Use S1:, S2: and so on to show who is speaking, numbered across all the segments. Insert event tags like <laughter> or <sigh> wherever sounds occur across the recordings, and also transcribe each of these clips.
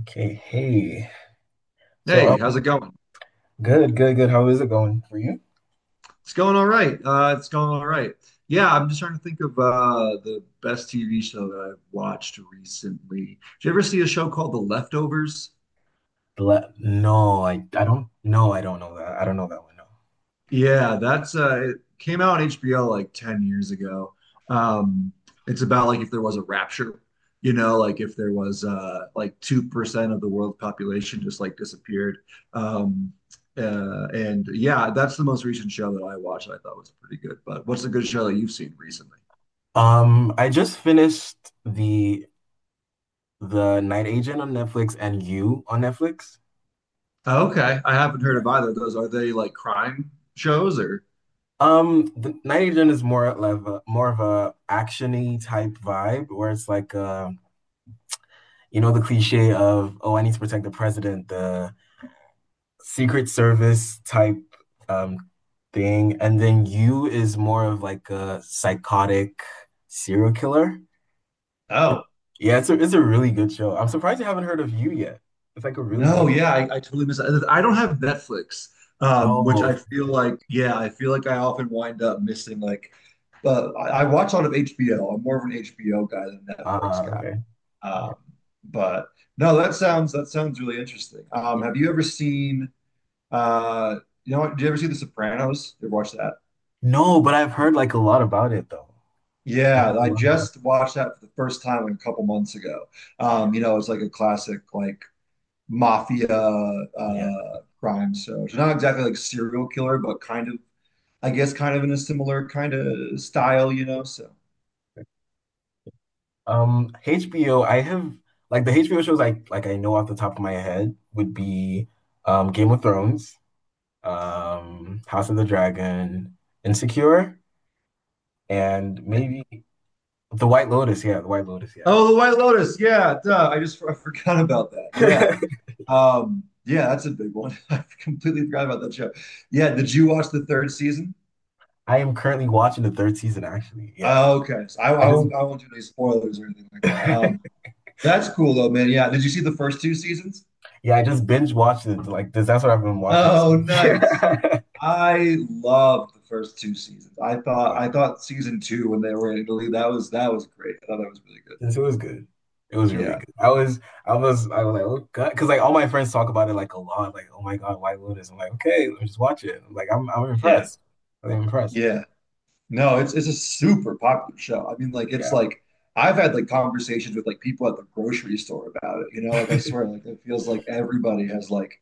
S1: Okay, hey. So,
S2: Hey,
S1: um,
S2: how's it going?
S1: Good, good, good. How is it going for you?
S2: It's going all right. Yeah, I'm just trying to think of the best TV show that I've watched recently. Did you ever see a show called The Leftovers?
S1: No, I don't. No, I don't know that. I don't know that one. No.
S2: Yeah, that's it came out on HBO like 10 years ago. Um, it's about like if there was a rapture, you know, like if there was like 2% of the world population just like disappeared. Um, and yeah, that's the most recent show that I watched. I thought was pretty good. But what's a good show that you've seen recently?
S1: I just finished the the Night Agent on Netflix and You on Netflix.
S2: Okay, I haven't heard
S1: Yeah.
S2: of either of those. Are they like crime shows or?
S1: The Night Agent is more of more of a actiony type vibe, where it's like, you know, the cliche of, oh, I need to protect the president, the Secret Service type um thing, and then You is more of like a psychotic serial killer. It,
S2: Oh,
S1: yeah, it's a really good show. I'm surprised you haven't heard of You yet. It's like a really
S2: no,
S1: big show.
S2: yeah, I totally miss it. I don't have Netflix, which
S1: Oh,
S2: I
S1: okay.
S2: feel like, yeah, I feel like I often wind up missing like, I watch a lot of HBO. I'm more of an HBO guy than a Netflix
S1: Ah,
S2: guy.
S1: okay. Okay.
S2: Um, but no, that sounds really interesting. Have you ever seen? Uh, you know what? Did you ever see The Sopranos? You ever watch that?
S1: No, but I've heard like a lot about it though. I've
S2: Yeah,
S1: heard a
S2: I
S1: lot about
S2: just watched that for the first time a couple months ago.
S1: it.
S2: You know, it's like a classic like mafia
S1: Yeah. Yeah.
S2: crime show. It's not exactly like serial killer, but kind of I guess kind of in a similar kind of style, you know. So
S1: HBO, I have like the HBO shows I like I know off the top of my head would be Game of Thrones, House of the Dragon, Insecure, and
S2: yeah.
S1: maybe The White Lotus. Yeah, The White Lotus. Yeah.
S2: Oh, The White Lotus. Yeah, duh. I just <laughs> I forgot about that. Yeah.
S1: <laughs>
S2: Yeah, that's a big one. <laughs> I completely forgot about that show. Yeah, did you watch the third season?
S1: I am currently watching the third season, actually. Yeah.
S2: Oh, okay. So I,
S1: I
S2: I
S1: just,
S2: won't do any spoilers or anything like that.
S1: <laughs>
S2: That's cool though, man. Yeah. Did you see the first two seasons?
S1: yeah, I just binge watched it. That's what I've been watching this
S2: Oh,
S1: week.
S2: nice.
S1: <laughs>
S2: I loved the first two seasons. I thought
S1: Uh,
S2: I thought season two when they were in Italy, that was great. I thought that was really good.
S1: Since it was good. It was really
S2: Yeah.
S1: good. I was like, oh god, because like all my friends talk about it like a lot. Like, oh my god, White Lotus. I'm like, okay, let me just watch it. I'm
S2: Yeah.
S1: impressed. I'm impressed.
S2: Yeah. No, it's a super popular show. I mean, like it's
S1: Yeah,
S2: like I've had like conversations with like people at the grocery store about it, you know, like I swear, like it feels like everybody has like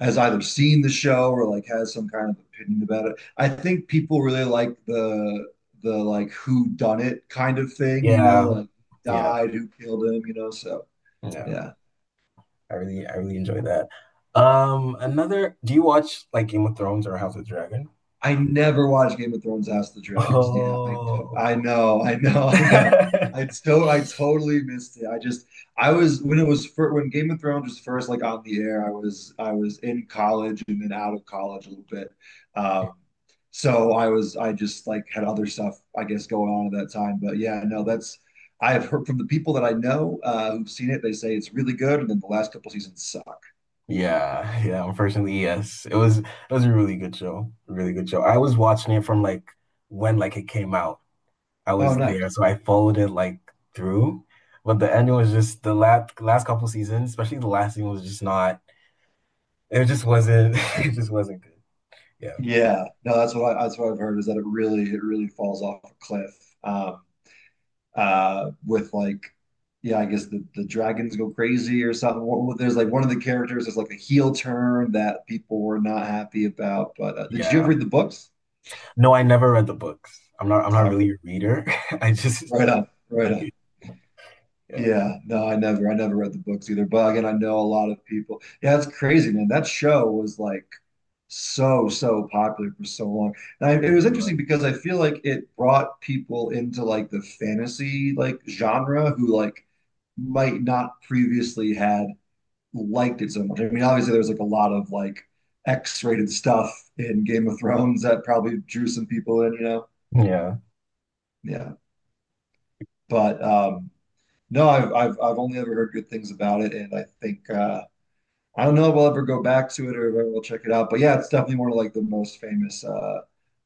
S2: has either seen the show or like has some kind of opinion about it. I think people really like the like who done it kind of thing, you know,
S1: yeah,
S2: like
S1: yeah,
S2: died, who killed him, you know. So
S1: yeah.
S2: yeah.
S1: I really enjoy that. Do you watch like Game of Thrones or House of Dragon?
S2: I never watched Game of Thrones, House of the Dragons. Yeah, I to- I
S1: Oh.
S2: know, I know, I know. I
S1: <laughs>
S2: to I totally missed it. I just I was when it was fir when Game of Thrones was first like on the air, I was in college and then out of college a little bit. Um so I just like had other stuff I guess going on at that time. But yeah, no, that's I've heard from the people that I know who've seen it, they say it's really good, and then the last couple seasons suck.
S1: Yeah, yeah, unfortunately, yes. It was a really good show. A really good show. I was watching it from like when like it came out. I
S2: Oh,
S1: was
S2: nice.
S1: there, so I followed it like through. But the ending was just the last couple seasons, especially the last season was just not, it just wasn't <laughs> it just wasn't good. Yeah.
S2: Yeah, no, that's what I've heard is that it really falls off a cliff. With like, yeah, I guess the dragons go crazy or something. There's like one of the characters is like a heel turn that people were not happy about. But did you
S1: Yeah.
S2: ever read the books?
S1: No, I never read the books. I'm not
S2: Oh,
S1: really a
S2: okay,
S1: reader. <laughs> I just.
S2: right on, right on.
S1: Yeah.
S2: Yeah, no, I never read the books either. But again, I know a lot of people. Yeah, that's crazy, man. That show was like so so popular for so long. And I,
S1: I
S2: it was
S1: mean,
S2: interesting because I feel like it brought people into like the fantasy like genre who like might not previously had liked it so much. I mean, obviously there's like a lot of like X-rated stuff in Game of Thrones that probably drew some people in, you know?
S1: yeah.
S2: Yeah. But no, I've only ever heard good things about it, and I think I don't know if we will ever go back to it or if we will check it out, but yeah, it's definitely one of like the most famous, uh,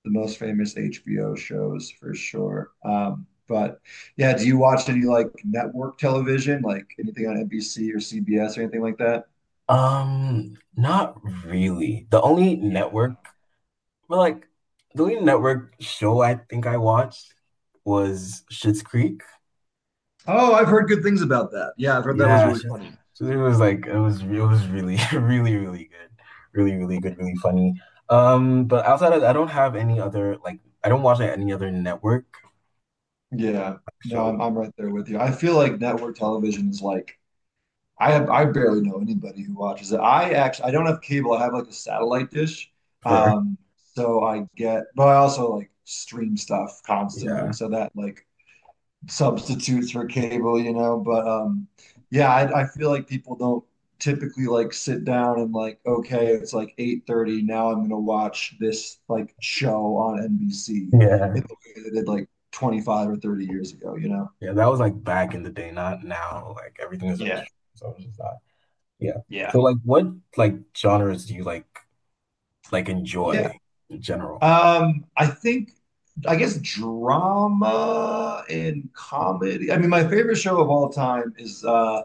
S2: the most famous HBO shows for sure. But yeah, do you watch any like network television, like anything on NBC or CBS or anything like that?
S1: Not really.
S2: Yeah,
S1: But like the only network show I think I watched was Schitt's Creek.
S2: oh, I've heard good things about that. Yeah, I've heard that was
S1: Yeah,
S2: really no. Funny.
S1: Schitt's Creek was like it was really <laughs> really really good, really really good, really funny. But outside of that, I don't have any other like, I don't watch like any other network
S2: Yeah, no,
S1: shows.
S2: I'm right there with you. I feel like network television is like I barely know anybody who watches it. I don't have cable. I have like a satellite dish.
S1: Fair.
S2: Um, so I get, but I also like stream stuff constantly.
S1: Yeah.
S2: So that like substitutes for cable, you know. But yeah, I feel like people don't typically like sit down and like, okay, it's like 8:30. Now I'm gonna watch this like show on NBC
S1: Yeah.
S2: in the way they did like 25 or 30 years ago, you know?
S1: Yeah. That was like back in the day, not now. Like everything is on.
S2: Yeah,
S1: So it's just not. Yeah.
S2: yeah.
S1: So like what like genres do you like
S2: Yeah.
S1: enjoy in general?
S2: I think, I guess drama and comedy. I mean, my favorite show of all time is uh,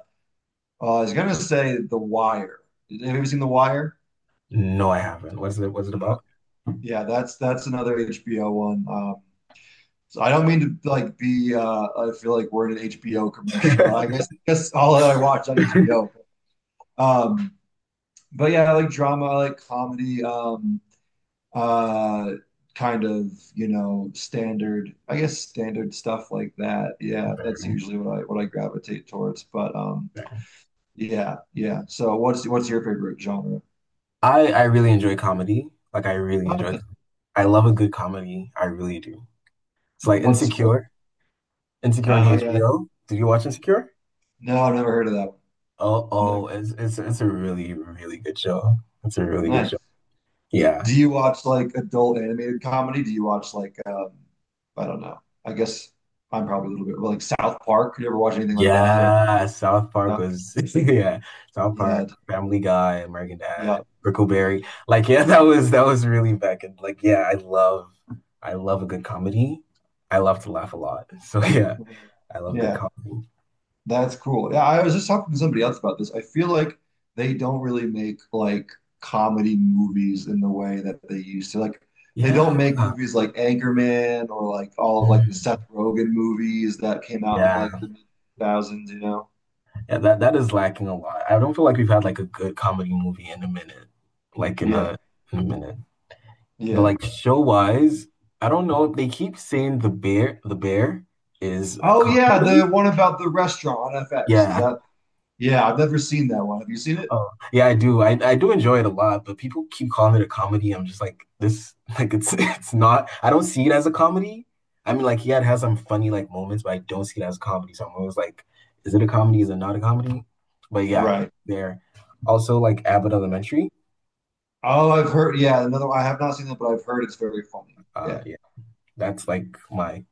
S2: uh I was gonna say The Wire. Have you ever seen The Wire?
S1: No, I haven't. What's it, what's it about?
S2: Yeah, that's another HBO one. So I don't mean to like be. I feel like we're in an HBO commercial. I
S1: <laughs>
S2: guess guess all that I watch on HBO. Um, but yeah, I like drama. I like comedy. Uh, Kind of, you know, standard, I guess standard stuff like that. Yeah, that's
S1: Fair,
S2: usually what I gravitate towards. But
S1: fair.
S2: yeah, yeah. So what's your favorite genre?
S1: I really enjoy comedy. Like I really
S2: Oh,
S1: enjoy
S2: nice.
S1: com- I love a good comedy. I really do. It's like
S2: What's what?
S1: Insecure. Insecure on
S2: Oh yeah.
S1: HBO. Did you watch Insecure?
S2: No, I've never heard of that one.
S1: Oh, oh,
S2: Never.
S1: it's it's a really, really good show. It's a really good show.
S2: Nice.
S1: Yeah.
S2: Do you watch like adult animated comedy? Do you watch like I don't know. I guess I'm probably a little bit well, like South Park. You ever watch anything like that? Or
S1: Yeah, South Park
S2: yeah,
S1: was <laughs> yeah, South Park,
S2: yeah,
S1: Family Guy, American
S2: yeah,
S1: Dad, Brickleberry.
S2: yeah.
S1: Like yeah, <laughs> that was really back in like yeah, I love. I love a good comedy. I love to laugh a lot. <laughs> So yeah, I love good
S2: Yeah.
S1: comedy.
S2: That's cool. Yeah, I was just talking to somebody else about this. I feel like they don't really make like comedy movies in the way that they used to. Like they
S1: Yeah.
S2: don't make movies like Anchorman or like all of like the
S1: Mm,
S2: Seth Rogen movies that came out in
S1: yeah.
S2: like the mid 2000s, you know?
S1: Yeah, that that is lacking a lot. I don't feel like we've had like a good comedy movie in a minute. Like in
S2: Yeah.
S1: a in a minute. But
S2: Yeah.
S1: like show wise, I don't know. They keep saying The Bear. The Bear is a
S2: Oh yeah, the
S1: comedy.
S2: one about the restaurant on FX. Is
S1: Yeah.
S2: that? Yeah, I've never seen that one. Have you seen it?
S1: Oh, yeah, I do. I do enjoy it a lot, but people keep calling it a comedy. I'm just like this, like it's <laughs> it's not. I don't see it as a comedy. I mean, like yeah, it has some funny like moments, but I don't see it as a comedy. So I'm always like, is it a comedy? Is it not a comedy? But yeah,
S2: Right.
S1: there. Also like Abbott Elementary.
S2: Oh, I've heard. Yeah, another one. I have not seen that, but I've heard it's very funny. Yeah.
S1: Yeah, that's like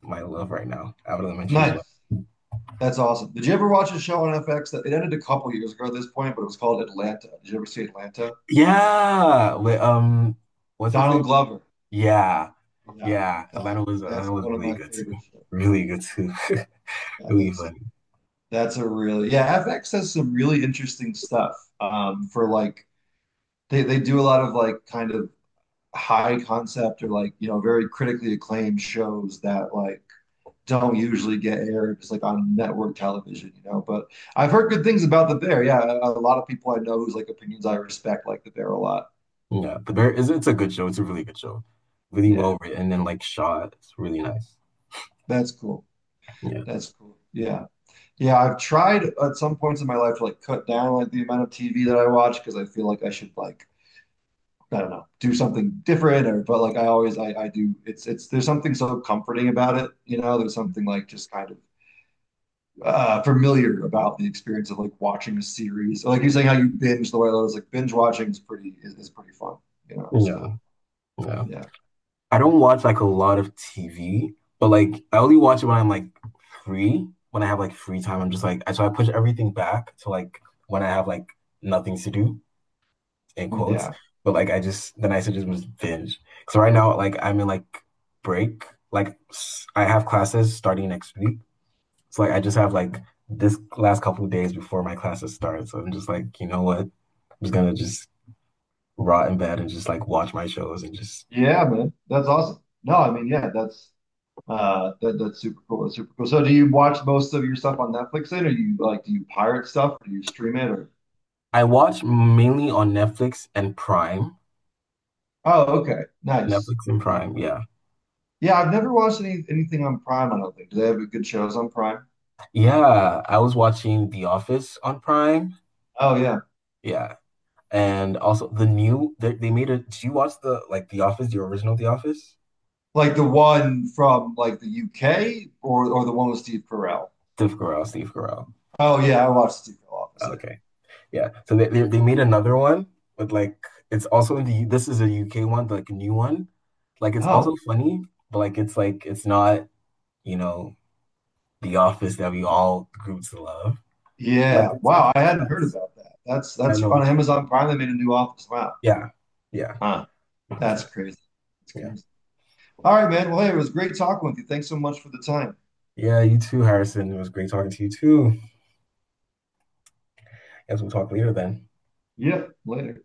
S1: my love right now. Abbott Elementary is what.
S2: Nice. That's awesome. Did you ever watch a show on FX that it ended a couple years ago at this point, but it was called Atlanta? Did you ever see Atlanta?
S1: Yeah, with what's his name?
S2: Donald Glover.
S1: Yeah,
S2: Yeah,
S1: yeah.
S2: that
S1: Atlanta
S2: that's
S1: was
S2: one of
S1: really
S2: my
S1: good too.
S2: favorite shows.
S1: Really good too. <laughs>
S2: Yeah,
S1: Really
S2: that's
S1: funny.
S2: that's a really yeah. FX has some really interesting stuff. For like they do a lot of like kind of high concept or like you know very critically acclaimed shows that like don't usually get aired just like on network television, you know. But I've heard good things about the Bear. Yeah, a lot of people I know whose like opinions I respect like the Bear a lot.
S1: Yeah, but there is, it's a good show. It's a really good show. Really
S2: Yeah,
S1: well written and like shot. It's really nice.
S2: that's cool.
S1: Yeah.
S2: That's cool. Yeah. Yeah, I've tried at some points in my life to like cut down like the amount of TV that I watch because I feel like I should like I don't know, do something different or but like I always I do it's there's something so comforting about it, you know, there's something like just kind of familiar about the experience of like watching a series. So, like you're saying, how you binge the way I was like binge watching is is pretty fun, you know. So
S1: Yeah. Yeah.
S2: yeah,
S1: I don't watch like a lot of TV, but like I only watch it when I'm like free. When I have like free time, I'm just like, I so I push everything back to like when I have like nothing to do in quotes.
S2: yeah,
S1: But like I just then I should just was binge. So right now like I'm in like break. I have classes starting next week. So like I just have like this last couple of days before my classes start. So I'm just like, you know what? I'm just gonna Just rot in bed and just like watch my shows and just.
S2: yeah, man, that's awesome. No, I mean, yeah, that's that that's super cool. That's super cool. So, do you watch most of your stuff on Netflix then, or you like do you pirate stuff, or do you stream it, or?
S1: I watch mainly on Netflix and Prime.
S2: Oh, okay, nice.
S1: Netflix and Prime, yeah.
S2: Yeah, I've never watched any anything on Prime. I don't think. Do they have good shows on Prime?
S1: Yeah, I was watching The Office on Prime.
S2: Oh yeah,
S1: Yeah. And also the new they made a, do you watch the like The Office, the original The Office?
S2: like the one from like the UK or the one with Steve Carell.
S1: Steve Carell.
S2: Oh yeah, I watched the Secret Office. Yeah.
S1: Okay. Yeah. So they made another one with like, it's also in the U- this is a UK one, like a new one. Like it's also
S2: Oh
S1: funny, but like it's not, you know, The Office that we all grew to love. Like
S2: yeah. Wow, I
S1: it's
S2: hadn't heard
S1: nuts.
S2: about that.
S1: I
S2: That's
S1: know.
S2: on Amazon Prime. They made a new Office. Wow.
S1: Yeah. Yeah.
S2: Huh.
S1: That's
S2: That's
S1: nice.
S2: crazy. That's
S1: Yeah.
S2: crazy. All right, man. Well, hey, it was great talking with you. Thanks so much for the time.
S1: Yeah, you too, Harrison. It was great talking to you too. Guess we'll talk later then.
S2: Yep. Later.